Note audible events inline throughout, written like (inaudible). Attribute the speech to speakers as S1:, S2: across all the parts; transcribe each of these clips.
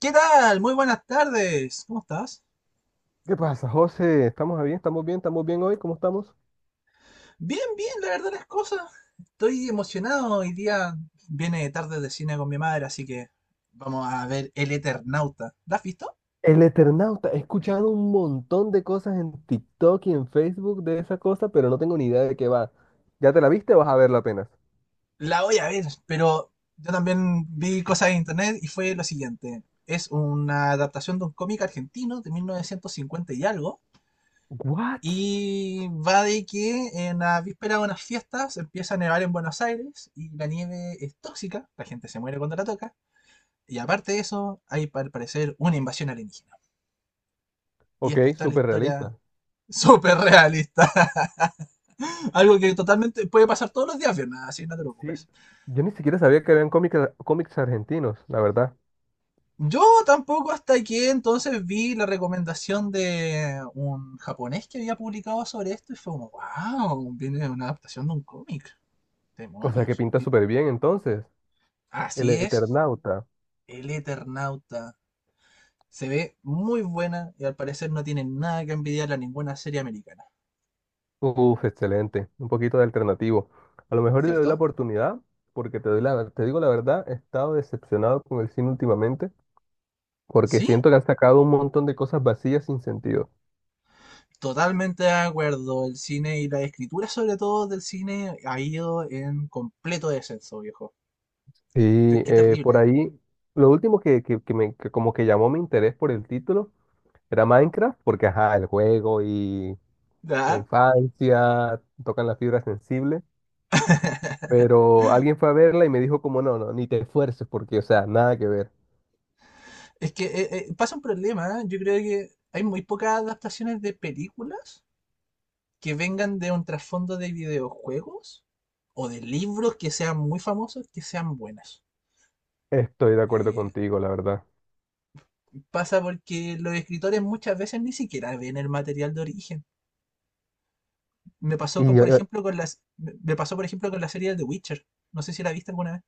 S1: ¿Qué tal? Muy buenas tardes. ¿Cómo estás?
S2: ¿Qué pasa, José? ¿Estamos bien? ¿Estamos bien? ¿Estamos bien hoy? ¿Cómo estamos?
S1: Bien, bien, la verdad las cosas. Estoy emocionado. Hoy día viene tarde de cine con mi madre, así que vamos a ver El Eternauta. ¿La has visto?
S2: El Eternauta. He escuchado un montón de cosas en TikTok y en Facebook de esa cosa, pero no tengo ni idea de qué va. ¿Ya te la viste o vas a verla apenas?
S1: La voy a ver, pero yo también vi cosas en internet y fue lo siguiente. Es una adaptación de un cómic argentino de 1950 y algo.
S2: What?
S1: Y va de que en la víspera de unas fiestas empieza a nevar en Buenos Aires y la nieve es tóxica, la gente se muere cuando la toca. Y aparte de eso, hay al parecer una invasión alienígena. Y
S2: Ok,
S1: esta está la
S2: súper
S1: historia
S2: realista.
S1: súper realista. (laughs) Algo que totalmente puede pasar todos los días, Fiona, así que no te
S2: Sí.
S1: preocupes.
S2: Yo ni siquiera sabía que habían cómics, cómics argentinos, la verdad.
S1: Yo tampoco hasta aquí entonces vi la recomendación de un japonés que había publicado sobre esto y fue como, wow, viene una adaptación de un cómic.
S2: O sea, que
S1: Demonios.
S2: pinta
S1: Y
S2: súper bien entonces. El
S1: así es,
S2: Eternauta.
S1: El Eternauta. Se ve muy buena y al parecer no tiene nada que envidiarle a ninguna serie americana,
S2: Uf, excelente. Un poquito de alternativo. A lo mejor le doy la
S1: ¿cierto?
S2: oportunidad, porque te doy la, te digo la verdad, he estado decepcionado con el cine últimamente, porque
S1: Sí,
S2: siento que han sacado un montón de cosas vacías sin sentido.
S1: totalmente de acuerdo, el cine y la escritura sobre todo del cine ha ido en completo descenso, viejo. Qué,
S2: Y
S1: qué
S2: por
S1: terrible.
S2: ahí, lo último que me, que como que llamó mi interés por el título era Minecraft, porque ajá, el juego y la
S1: ¿Verdad?
S2: infancia tocan la fibra sensible,
S1: (laughs)
S2: pero alguien fue a verla y me dijo como no, no, ni te esfuerces porque, o sea, nada que ver.
S1: Es que pasa un problema, ¿eh? Yo creo que hay muy pocas adaptaciones de películas que vengan de un trasfondo de videojuegos o de libros que sean muy famosos, que sean buenas.
S2: Estoy de acuerdo
S1: Eh,
S2: contigo, la verdad.
S1: Pasa porque los escritores muchas veces ni siquiera ven el material de origen. Me pasó con, por
S2: Y
S1: ejemplo, con las, me me pasó, por ejemplo, con la serie de The Witcher. No sé si la viste alguna vez.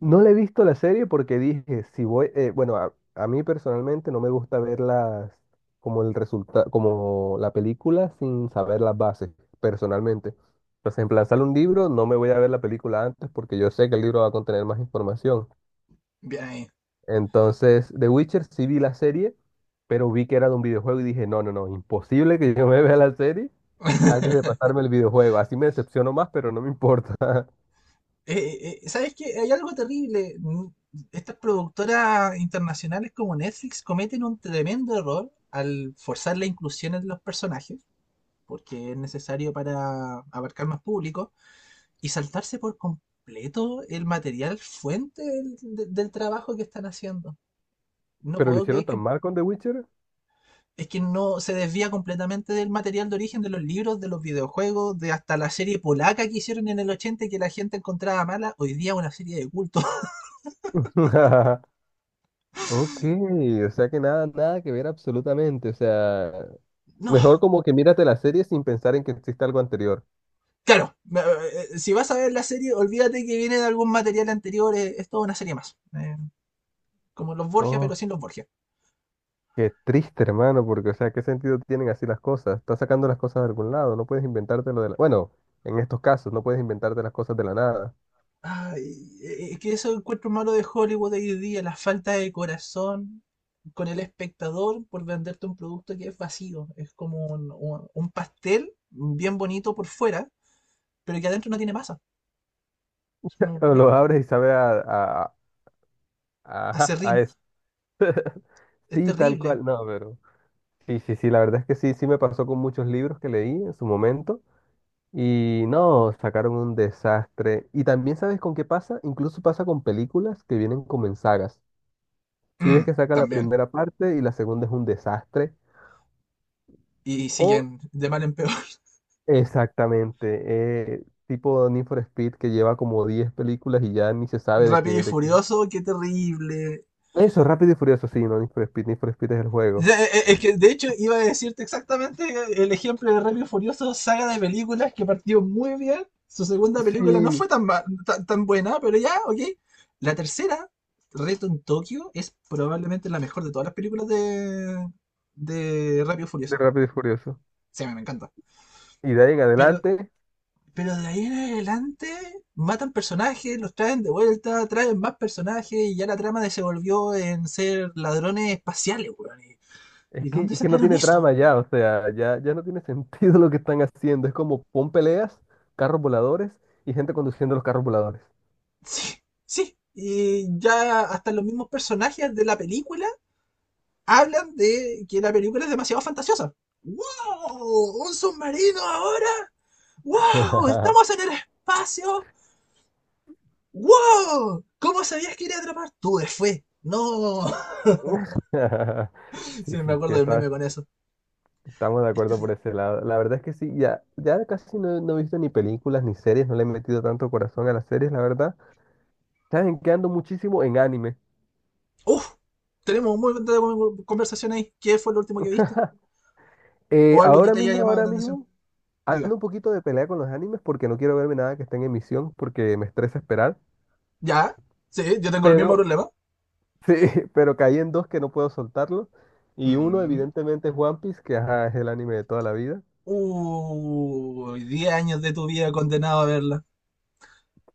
S2: no le he visto la serie porque dije, si voy, bueno, a mí personalmente no me gusta verlas como el resultado, como la película sin saber las bases, personalmente. Entonces, en plan, sale un libro, no me voy a ver la película antes porque yo sé que el libro va a contener más información.
S1: Bien ahí.
S2: Entonces, The Witcher sí vi la serie, pero vi que era de un videojuego y dije, no, no, no, imposible que yo me vea la serie antes de
S1: (laughs)
S2: pasarme el videojuego. Así me decepciono más, pero no me importa. (laughs)
S1: ¿Sabes qué? Hay algo terrible. Estas productoras internacionales como Netflix cometen un tremendo error al forzar la inclusión de los personajes, porque es necesario para abarcar más público, y saltarse por completo el material fuente del trabajo que están haciendo. No
S2: Pero lo
S1: puedo
S2: hicieron
S1: creer
S2: tan
S1: que
S2: mal con The Witcher.
S1: es que no se desvía completamente del material de origen de los libros, de los videojuegos, de hasta la serie polaca que hicieron en el 80 y que la gente encontraba mala, hoy día una serie de culto. (laughs)
S2: (laughs) Ok, o sea que nada, nada que ver absolutamente. O sea,
S1: No,
S2: mejor como que mírate la serie sin pensar en que existe algo anterior.
S1: claro, si vas a ver la serie, olvídate que viene de algún material anterior, es toda una serie más. Como los Borgia, pero
S2: Oh,
S1: sin los Borgia.
S2: qué triste, hermano, porque, o sea, ¿qué sentido tienen así las cosas? Estás sacando las cosas de algún lado, no puedes inventarte lo de la... Bueno, en estos casos, no puedes inventarte las cosas de la nada.
S1: Ay, es que eso encuentro malo de Hollywood hoy día, la falta de corazón con el espectador por venderte un producto que es vacío, es como un pastel bien bonito por fuera, pero que adentro no tiene masa. Es como
S2: (laughs)
S1: un
S2: O lo
S1: hueco.
S2: abres y sabe ajá,
S1: Acerrín.
S2: a eso.
S1: Es
S2: Sí, tal
S1: terrible.
S2: cual, no, pero... Sí, sí, sí, la verdad es que sí, sí me pasó con muchos libros que leí en su momento. Y no, sacaron un desastre. Y también sabes con qué pasa, incluso pasa con películas que vienen como en sagas. Si ves
S1: Mm,
S2: que sacan la
S1: también.
S2: primera parte y la segunda es un desastre,
S1: Y
S2: o
S1: siguen de mal en peor. (laughs)
S2: exactamente, tipo Need for Speed que lleva como 10 películas y ya ni se sabe de
S1: Rápido y
S2: qué,
S1: furioso, qué terrible.
S2: eso, Rápido y Furioso, sí, no, Need for Speed es el juego.
S1: Ya, es que de hecho iba a decirte exactamente el ejemplo de Rápido y Furioso, saga de películas que partió muy bien. Su segunda película no
S2: Sí,
S1: fue tan buena, pero ya, ok. La tercera, Reto en Tokio, es probablemente la mejor de todas las películas de Rápido y
S2: de
S1: Furioso.
S2: Rápido y Furioso.
S1: Sí, a mí me encanta.
S2: Y de ahí en
S1: Pero
S2: adelante,
S1: Pero de ahí en adelante matan personajes, los traen de vuelta, traen más personajes y ya la trama de se volvió en ser ladrones espaciales, weón. ¿Y
S2: es
S1: y
S2: que,
S1: dónde
S2: es que no
S1: sacaron
S2: tiene
S1: eso?
S2: trama ya, o sea, ya, ya no tiene (laughs) sentido lo que están haciendo. Es como pon peleas, carros voladores y gente conduciendo los carros voladores.
S1: (laughs) Sí, sí. Y ya hasta los mismos personajes de la película hablan de que la película es demasiado fantasiosa. ¡Wow! ¿Un submarino ahora? ¡Wow!
S2: (laughs)
S1: ¡Estamos en el espacio! ¡Wow! ¿Cómo sabías que iba a atrapar? Tuve fe. No. (laughs)
S2: Sí,
S1: Sí, me
S2: sí, sí,
S1: acuerdo del meme con eso.
S2: estamos de
S1: Es
S2: acuerdo por
S1: terrible.
S2: ese lado. La verdad es que sí, ya, ya casi no, no he visto ni películas ni series, no le he metido tanto corazón a las series, la verdad. Saben que ando muchísimo en anime.
S1: Uf, tenemos muy buena conversación ahí. ¿Qué fue lo último que viste?
S2: (laughs)
S1: ¿O algo que te haya llamado
S2: Ahora
S1: la atención?
S2: mismo, ando
S1: Diga.
S2: un poquito de pelea con los animes porque no quiero verme nada que esté en emisión porque me estresa esperar.
S1: ¿Ya? Sí, yo tengo el mismo
S2: Pero
S1: problema.
S2: sí, (laughs) pero caí en dos que no puedo soltarlo. Y uno,
S1: Mm.
S2: evidentemente, es One Piece, que ajá, es el anime de toda la vida.
S1: Uy, 10 años de tu vida condenado a verla.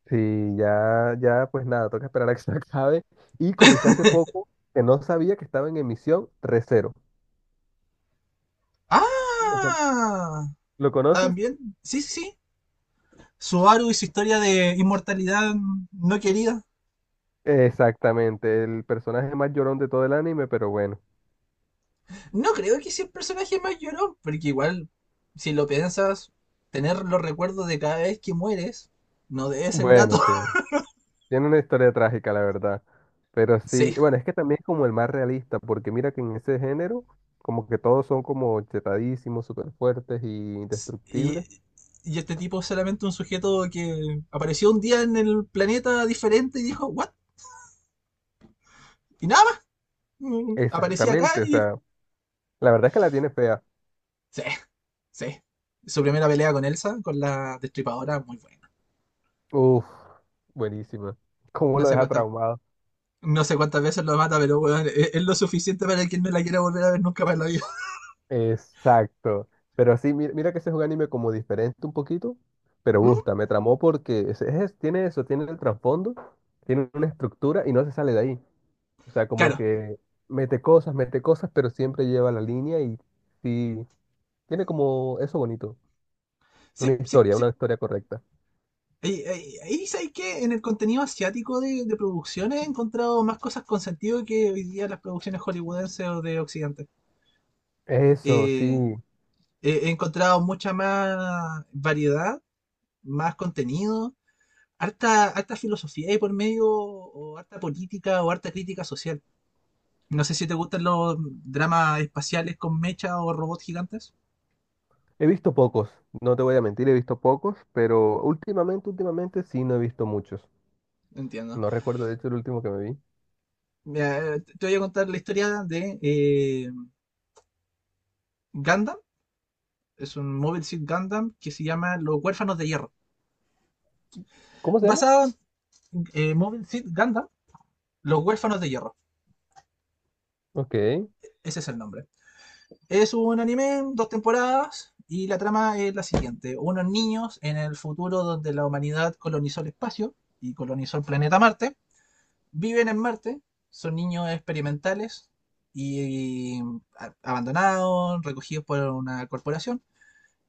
S2: Sí, ya, ya, pues nada, toca esperar a que se (laughs) acabe. Y comencé hace poco, que no sabía que estaba en emisión, Re:Zero. ¿Lo, con-
S1: ¡Ah!
S2: lo conoces?
S1: También, sí, sí, sí. Subaru y su historia de inmortalidad no querida.
S2: Exactamente, el personaje más llorón de todo el anime, pero bueno.
S1: No creo que sea el personaje más llorón, porque igual, si lo piensas, tener los recuerdos de cada vez que mueres no debe ser grato.
S2: Bueno, sí.
S1: (laughs)
S2: Tiene una historia trágica, la verdad. Pero sí,
S1: Sí,
S2: bueno, es que también es como el más realista, porque mira que en ese género, como que todos son como chetadísimos, súper fuertes y
S1: Y,
S2: indestructibles.
S1: y este tipo es solamente un sujeto que apareció un día en el planeta diferente y dijo, ¿what? Y nada más. Aparecía acá
S2: Exactamente, o
S1: y.
S2: sea, la verdad es que la tiene fea.
S1: Sí, sí. Su primera pelea con Elsa, con la destripadora, muy buena.
S2: Uf, buenísima. ¿Cómo
S1: No
S2: lo
S1: sé
S2: deja
S1: cuántas.
S2: traumado?
S1: No sé cuántas veces lo mata, pero weón, es lo suficiente para que él no la quiera volver a ver nunca más en la vida. (laughs)
S2: Exacto. Pero sí, mira, mira que ese es un anime como diferente un poquito, pero
S1: Mm,
S2: gusta, me tramó porque tiene eso, tiene el trasfondo, tiene una estructura y no se sale de ahí. O sea, como
S1: claro,
S2: que mete cosas, pero siempre lleva la línea y sí, tiene como eso bonito,
S1: sí, sí, sí.
S2: una historia correcta.
S1: Ahí sabéis que en el contenido asiático de producciones he encontrado más cosas con sentido que hoy día las producciones hollywoodenses o de Occidente.
S2: Eso,
S1: Eh,
S2: sí.
S1: he encontrado mucha más variedad, más contenido, harta, harta filosofía y por medio, o harta política, o harta crítica social. No sé si te gustan los dramas espaciales con mecha o robots gigantes.
S2: He visto pocos, no te voy a mentir, he visto pocos, pero últimamente, últimamente sí no he visto muchos.
S1: Entiendo.
S2: No recuerdo, de hecho, el último que me vi.
S1: Mira, te voy a contar la historia de Gundam. Es un Mobile Suit Gundam que se llama Los Huérfanos de Hierro.
S2: ¿Cómo se llama?
S1: Basado en Mobile Suit Gundam, Los Huérfanos de Hierro.
S2: Ok.
S1: Ese es el nombre. Es un anime, dos temporadas, y la trama es la siguiente. Unos niños en el futuro donde la humanidad colonizó el espacio y colonizó el planeta Marte, viven en Marte, son niños experimentales y abandonados, recogidos por una corporación,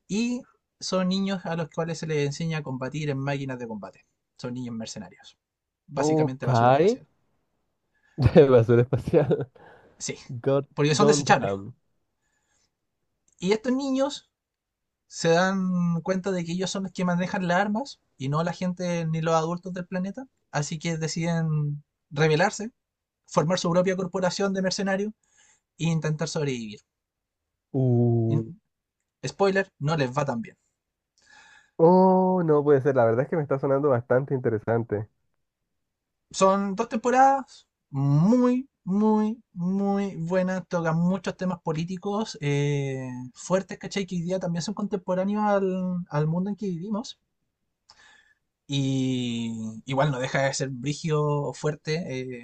S1: y son niños a los cuales se les enseña a combatir en máquinas de combate. Son niños mercenarios. Básicamente
S2: Ok.
S1: basura
S2: (laughs)
S1: espacial.
S2: De basura espacial.
S1: Sí,
S2: God
S1: porque son desechables.
S2: Gundam.
S1: Y estos niños se dan cuenta de que ellos son los que manejan las armas y no la gente ni los adultos del planeta. Así que deciden rebelarse, formar su propia corporación de mercenarios e intentar sobrevivir. Y,
S2: Uh.
S1: spoiler, no les va tan bien.
S2: Oh, no puede ser. La verdad es que me está sonando bastante interesante.
S1: Son dos temporadas muy, muy, muy buenas. Tocan muchos temas políticos fuertes, ¿cachai? Que hoy día también son contemporáneos al mundo en que vivimos. Y igual no deja de ser brigio fuerte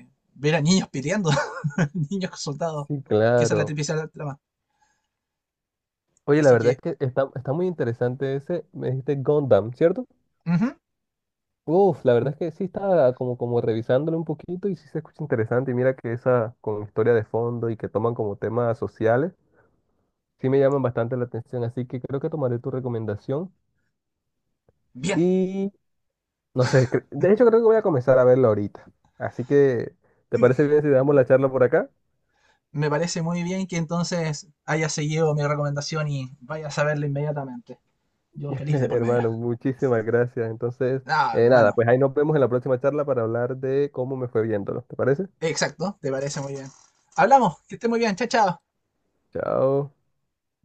S1: eh, ver a niños peleando. (laughs) Niños soldados,
S2: Sí,
S1: que esa es la
S2: claro.
S1: tripicia trama.
S2: Oye, la
S1: Así
S2: verdad
S1: que,
S2: es que está, está muy interesante ese, me dijiste Gundam, ¿cierto?
S1: ujú,
S2: Uf, la verdad es que sí estaba como, como revisándolo un poquito y sí se escucha interesante. Y mira que esa con historia de fondo y que toman como temas sociales, sí me llaman bastante la atención. Así que creo que tomaré tu recomendación.
S1: bien,
S2: Y no sé, de hecho creo que voy a comenzar a verlo ahorita. Así que, ¿te parece bien si damos la charla por acá?
S1: me parece muy bien que entonces haya seguido mi recomendación y vayas a verla inmediatamente. Yo
S2: (laughs)
S1: feliz de por medio.
S2: Hermano, muchísimas gracias. Entonces,
S1: Ah,
S2: nada,
S1: hermano,
S2: pues ahí nos vemos en la próxima charla para hablar de cómo me fue viéndolo. ¿Te parece?
S1: exacto, te parece muy bien. Hablamos, que esté muy bien, chao, chao.
S2: Chao.